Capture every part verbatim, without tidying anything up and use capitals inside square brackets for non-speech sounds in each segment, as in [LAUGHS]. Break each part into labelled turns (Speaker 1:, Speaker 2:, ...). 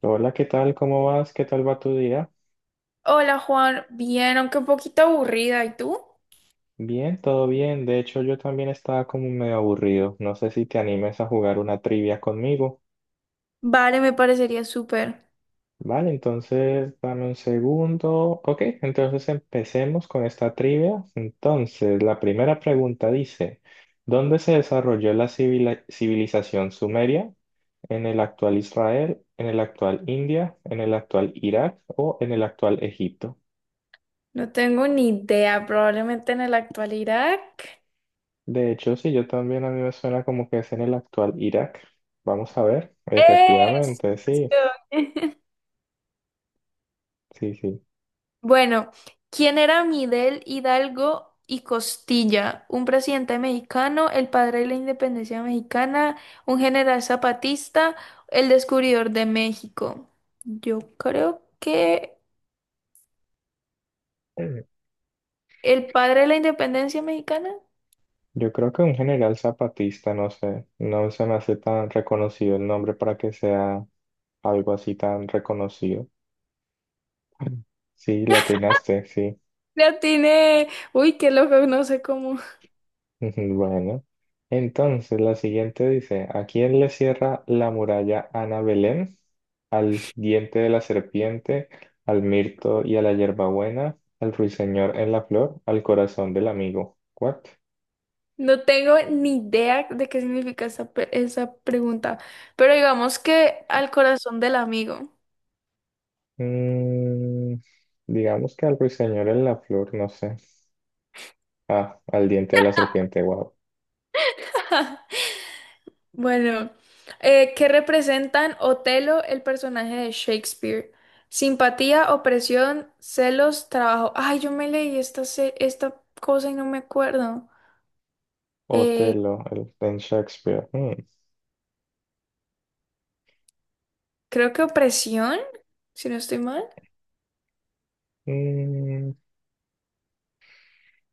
Speaker 1: Hola, ¿qué tal? ¿Cómo vas? ¿Qué tal va tu día?
Speaker 2: Hola Juan, bien, aunque un poquito aburrida, ¿y tú?
Speaker 1: Bien, todo bien. De hecho, yo también estaba como medio aburrido. No sé si te animes a jugar una trivia conmigo.
Speaker 2: Vale, me parecería súper.
Speaker 1: Vale, entonces dame un segundo. Ok, entonces empecemos con esta trivia. Entonces, la primera pregunta dice, ¿dónde se desarrolló la civila- civilización sumeria? ¿En el actual Israel, en el actual India, en el actual Irak o en el actual Egipto?
Speaker 2: No tengo ni idea, probablemente en la actualidad.
Speaker 1: De hecho, sí, yo también a mí me suena como que es en el actual Irak. Vamos a ver,
Speaker 2: Es.
Speaker 1: efectivamente, sí,
Speaker 2: [LAUGHS]
Speaker 1: sí, sí.
Speaker 2: Bueno, ¿quién era Miguel Hidalgo y Costilla? Un presidente mexicano, el padre de la independencia mexicana, un general zapatista, el descubridor de México. Yo creo que
Speaker 1: Mm.
Speaker 2: el padre de la independencia mexicana.
Speaker 1: Yo creo que un general zapatista, no sé, no se me hace tan reconocido el nombre para que sea algo así tan reconocido. Sí, le atinaste, sí.
Speaker 2: Le atiné. Uy, qué loco, no sé cómo.
Speaker 1: Ujú, bueno, entonces la siguiente dice, ¿a quién le cierra la muralla Ana Belén? ¿Al diente de la serpiente, al mirto y a la hierbabuena, al ruiseñor en la flor, al corazón del amigo? ¿What?
Speaker 2: No tengo ni idea de qué significa esa, pe- esa pregunta. Pero digamos que al corazón del amigo.
Speaker 1: Mm, digamos que al ruiseñor en la flor, no sé. Ah, al diente de la serpiente, wow.
Speaker 2: Bueno, eh, ¿qué representan Otelo, el personaje de Shakespeare? Simpatía, opresión, celos, trabajo. Ay, yo me leí esta, se- esta cosa y no me acuerdo. Eh,
Speaker 1: Otelo, el, en Shakespeare. Mm,
Speaker 2: Creo que opresión, si no estoy mal.
Speaker 1: mm,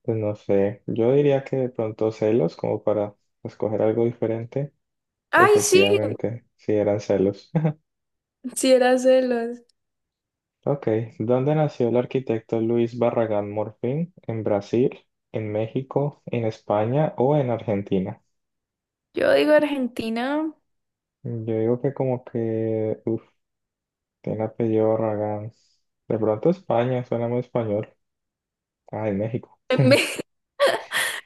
Speaker 1: pues no sé, yo diría que de pronto celos como para escoger algo diferente.
Speaker 2: Ay, sí,
Speaker 1: Efectivamente, sí eran celos. [LAUGHS]
Speaker 2: sí era celos.
Speaker 1: Ok, ¿dónde nació el arquitecto Luis Barragán Morfín? ¿En Brasil, en México, en España o en Argentina?
Speaker 2: Yo digo Argentina.
Speaker 1: Yo digo que como que, uff, tiene apellido Barragán. De pronto España, suena muy español. Ah, en México. [LAUGHS]
Speaker 2: [LAUGHS]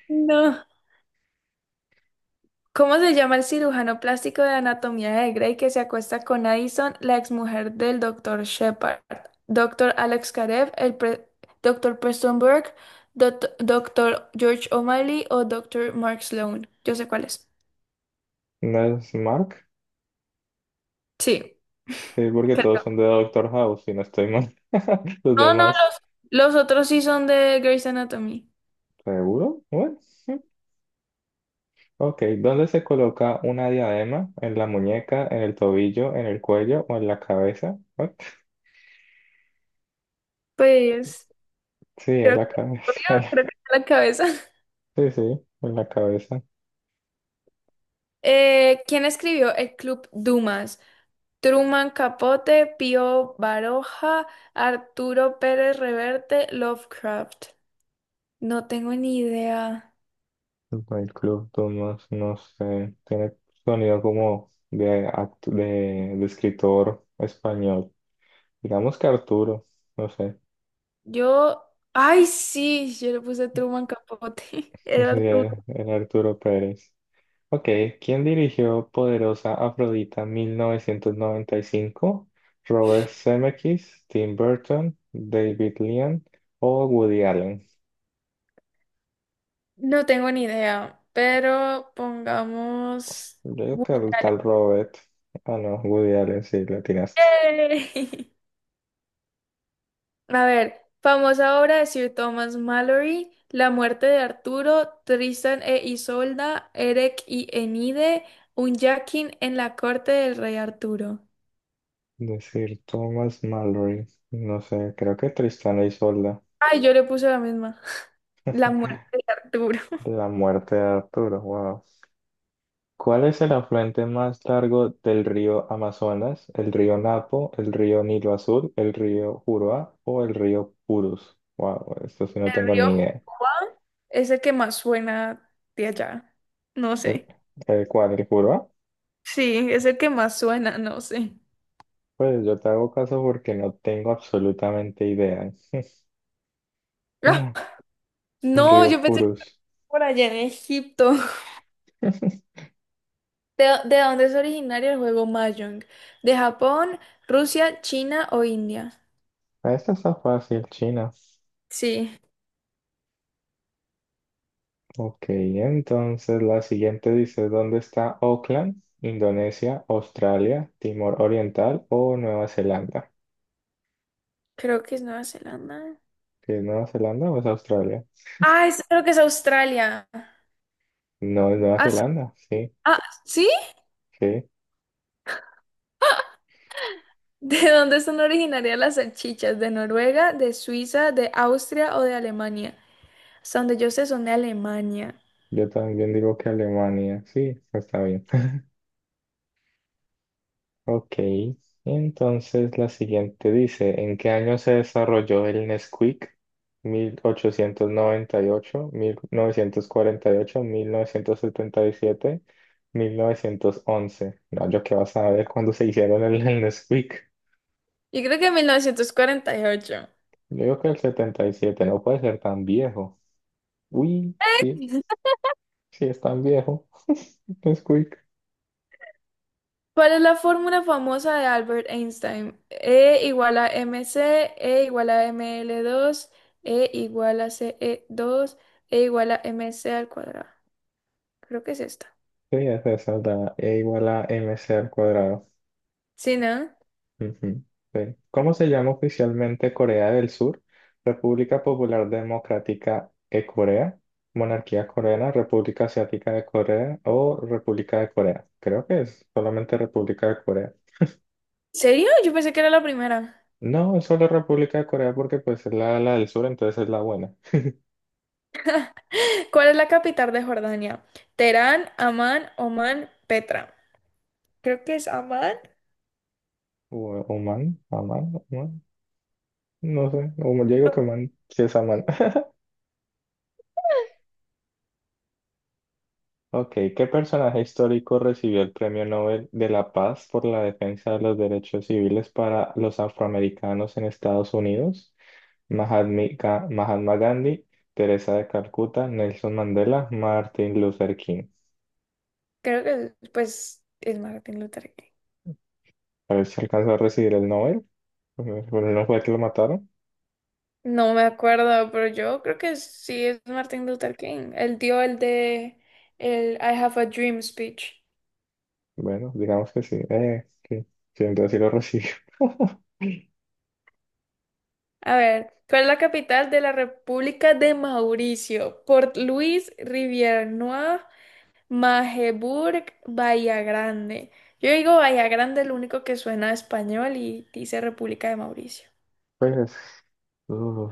Speaker 2: No. ¿Cómo se llama el cirujano plástico de Anatomía de Grey que se acuesta con Addison, la exmujer del doctor Shepard? Doctor Alex Karev, el pre- doctor Preston Burke, doctor doctor George O'Malley o doctor Mark Sloan. Yo sé cuál es.
Speaker 1: ¿No es Mark?
Speaker 2: Sí,
Speaker 1: Sí, porque todos
Speaker 2: creo.
Speaker 1: son de Doctor House, si no estoy mal. [LAUGHS] Los
Speaker 2: No, no,
Speaker 1: demás.
Speaker 2: los, los otros sí son de Grey's Anatomy.
Speaker 1: ¿Seguro? Bueno. Sí. Ok, ¿dónde se coloca una diadema? ¿En la muñeca, en el tobillo, en el cuello o en la cabeza? What?
Speaker 2: Pues
Speaker 1: Sí, en
Speaker 2: creo que,
Speaker 1: la
Speaker 2: obvio,
Speaker 1: cabeza. [LAUGHS]
Speaker 2: creo que está en la cabeza. [LAUGHS]
Speaker 1: Sí, sí, en la cabeza.
Speaker 2: Eh, ¿quién escribió el Club Dumas? Truman Capote, Pío Baroja, Arturo Pérez Reverte, Lovecraft. No tengo ni idea.
Speaker 1: El club Dumas, no no sé, tiene sonido como de, actu- de, de escritor español. Digamos que Arturo, no sé.
Speaker 2: Yo, ay, sí, yo le puse Truman Capote. [LAUGHS]
Speaker 1: [LAUGHS]
Speaker 2: Era
Speaker 1: Sí,
Speaker 2: Arturo.
Speaker 1: era era Arturo Pérez. Ok, ¿quién dirigió Poderosa Afrodita mil novecientos noventa y cinco? Robert Zemeckis, Tim Burton, David Lean o Woody Allen.
Speaker 2: No tengo ni idea, pero pongamos...
Speaker 1: Yo creo que
Speaker 2: Woody
Speaker 1: el tal
Speaker 2: Allen.
Speaker 1: Robert. Ah, no, Woody Allen, sí, le atinaste.
Speaker 2: ¡Yay! [LAUGHS] A ver, famosa obra de Sir Thomas Malory, La muerte de Arturo, Tristan e Isolda, Erec y Enide, un Jackin en la corte del rey Arturo.
Speaker 1: Decir Thomas Mallory. No sé, creo que Tristana y Isolda.
Speaker 2: Ay, yo le puse la misma. [LAUGHS] La muerte de Arturo. [LAUGHS]
Speaker 1: La muerte de Arturo, wow. ¿Cuál es el afluente más largo del río Amazonas? ¿El río Napo, el río Nilo Azul, el río Juruá o el río Purus? Wow, esto sí no
Speaker 2: El
Speaker 1: tengo
Speaker 2: río
Speaker 1: ni idea.
Speaker 2: Juan es el que más suena de allá. No
Speaker 1: ¿El,
Speaker 2: sé.
Speaker 1: el cuál? ¿El Juruá?
Speaker 2: Sí, es el que más suena, no sé.
Speaker 1: Pues yo te hago caso porque no tengo absolutamente idea. [LAUGHS]
Speaker 2: [LAUGHS]
Speaker 1: El
Speaker 2: No,
Speaker 1: río
Speaker 2: yo pensé que
Speaker 1: Purus.
Speaker 2: por allá en Egipto. ¿De, dó- de dónde es originario el juego Mahjong? ¿De Japón, Rusia, China o India?
Speaker 1: [LAUGHS] Esta está fácil, China.
Speaker 2: Sí,
Speaker 1: Ok, entonces la siguiente dice, ¿dónde está Auckland? Indonesia, Australia, Timor Oriental o Nueva Zelanda.
Speaker 2: creo que es Nueva Zelanda.
Speaker 1: ¿Que es Nueva Zelanda o es Australia?
Speaker 2: Ah, es- creo que es Australia.
Speaker 1: No, es Nueva
Speaker 2: Ah, s-
Speaker 1: Zelanda, sí,
Speaker 2: ah, ¿sí?
Speaker 1: sí.
Speaker 2: [LAUGHS] ¿De dónde son originarias las salchichas? ¿De Noruega, de Suiza, de Austria o de Alemania? Hasta donde yo sé son de Alemania.
Speaker 1: Yo también digo que Alemania, sí, está bien. [LAUGHS] Ok, entonces la siguiente dice, ¿en qué año se desarrolló el Nesquik? mil mil mil ochocientos noventa y y y ocho ocho novecientos novecientos cuarenta, setenta y siete, mil novecientos once. No, yo qué vas a ver cuándo se hicieron el, el Nesquik.
Speaker 2: Yo creo que en mil novecientos cuarenta y ocho.
Speaker 1: Yo digo que el setenta y siete no puede ser tan viejo. Uy, sí.
Speaker 2: [LAUGHS]
Speaker 1: Si es tan viejo, [LAUGHS] es quick.
Speaker 2: ¿Cuál es la fórmula famosa de Albert Einstein? E igual a mc, E igual a m l dos, E igual a c e dos, E igual a mc al cuadrado. Creo que es esta.
Speaker 1: Sí, es esa, da E igual a mc al cuadrado.
Speaker 2: ¿Sí, no?
Speaker 1: Ujú, sí. ¿Cómo se llama oficialmente Corea del Sur? República Popular Democrática de Corea, Monarquía Coreana, República Asiática de Corea o República de Corea. Creo que es solamente República de Corea.
Speaker 2: ¿Serio? Yo pensé que era la primera.
Speaker 1: No, es solo República de Corea porque pues es la, la del sur, entonces es la buena.
Speaker 2: [GASPS] ¿Cuál es la capital de Jordania? Teherán, Amán, Omán, Petra. Creo que es Amán.
Speaker 1: O, o man, Amán, Amán, no. No sé, o yo digo que man, si es Amán. Ok, ¿qué personaje histórico recibió el Premio Nobel de la Paz por la defensa de los derechos civiles para los afroamericanos en Estados Unidos? Mahatma Ga- Mahatma Gandhi, Teresa de Calcuta, Nelson Mandela, Martin Luther King.
Speaker 2: Creo que es, pues es Martin Luther King.
Speaker 1: A ver si alcanzó a recibir el Nobel. Bueno, ¿no fue que lo mataron?
Speaker 2: No me acuerdo, pero yo creo que sí es Martin Luther King. Él dio el de el I Have a Dream speech.
Speaker 1: Bueno, digamos que sí. Eh, sí, sí, entonces sí lo recibió. [LAUGHS]
Speaker 2: A ver, ¿cuál es la capital de la República de Mauricio? Port Louis, Rivière-Noire, Magdeburgo, Bahía Grande. Yo digo Bahía Grande, lo único que suena a español y dice República de Mauricio.
Speaker 1: Pues, uh,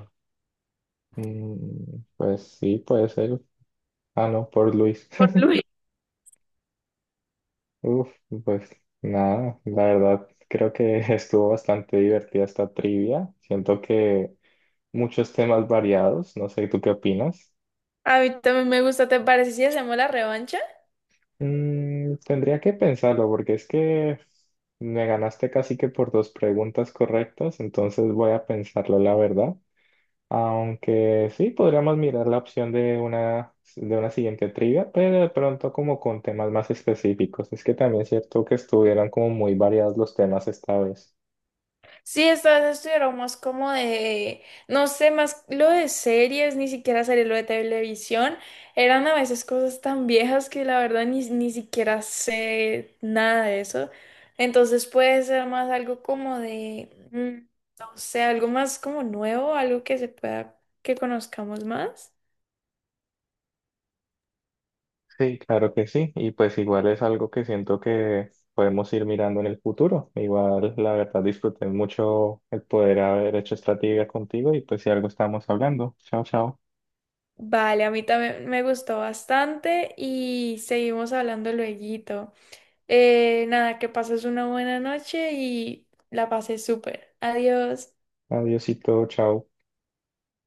Speaker 1: mm, pues sí, puede ser. Ah, no, por Luis.
Speaker 2: Port Louis.
Speaker 1: [LAUGHS] Uf, pues nada, la verdad creo que [LAUGHS] estuvo bastante divertida esta trivia. Siento que muchos temas variados, no sé, ¿tú qué opinas?
Speaker 2: A mí también me gusta, ¿te parece si hacemos la revancha?
Speaker 1: Mm, tendría que pensarlo porque es que me ganaste casi que por dos preguntas correctas, entonces voy a pensarlo, la verdad. Aunque sí, podríamos mirar la opción de una, de una siguiente trivia, pero de pronto como con temas más específicos. Es que también es cierto que estuvieron como muy variados los temas esta vez.
Speaker 2: Sí, estas estuvieron más como de, no sé, más lo de series, ni siquiera series, lo de televisión, eran a veces cosas tan viejas que la verdad ni, ni siquiera sé nada de eso. Entonces puede ser más algo como de, mm, no sé, algo más como nuevo, algo que se pueda, que conozcamos más.
Speaker 1: Sí, claro que sí. Y pues igual es algo que siento que podemos ir mirando en el futuro. Igual, la verdad, disfruté mucho el poder haber hecho esta trivia contigo y pues si algo estamos hablando. Chao, chao.
Speaker 2: Vale, a mí también me gustó bastante y seguimos hablando lueguito. Eh, nada, que pases una buena noche y la pases súper. Adiós.
Speaker 1: Adiosito, chao.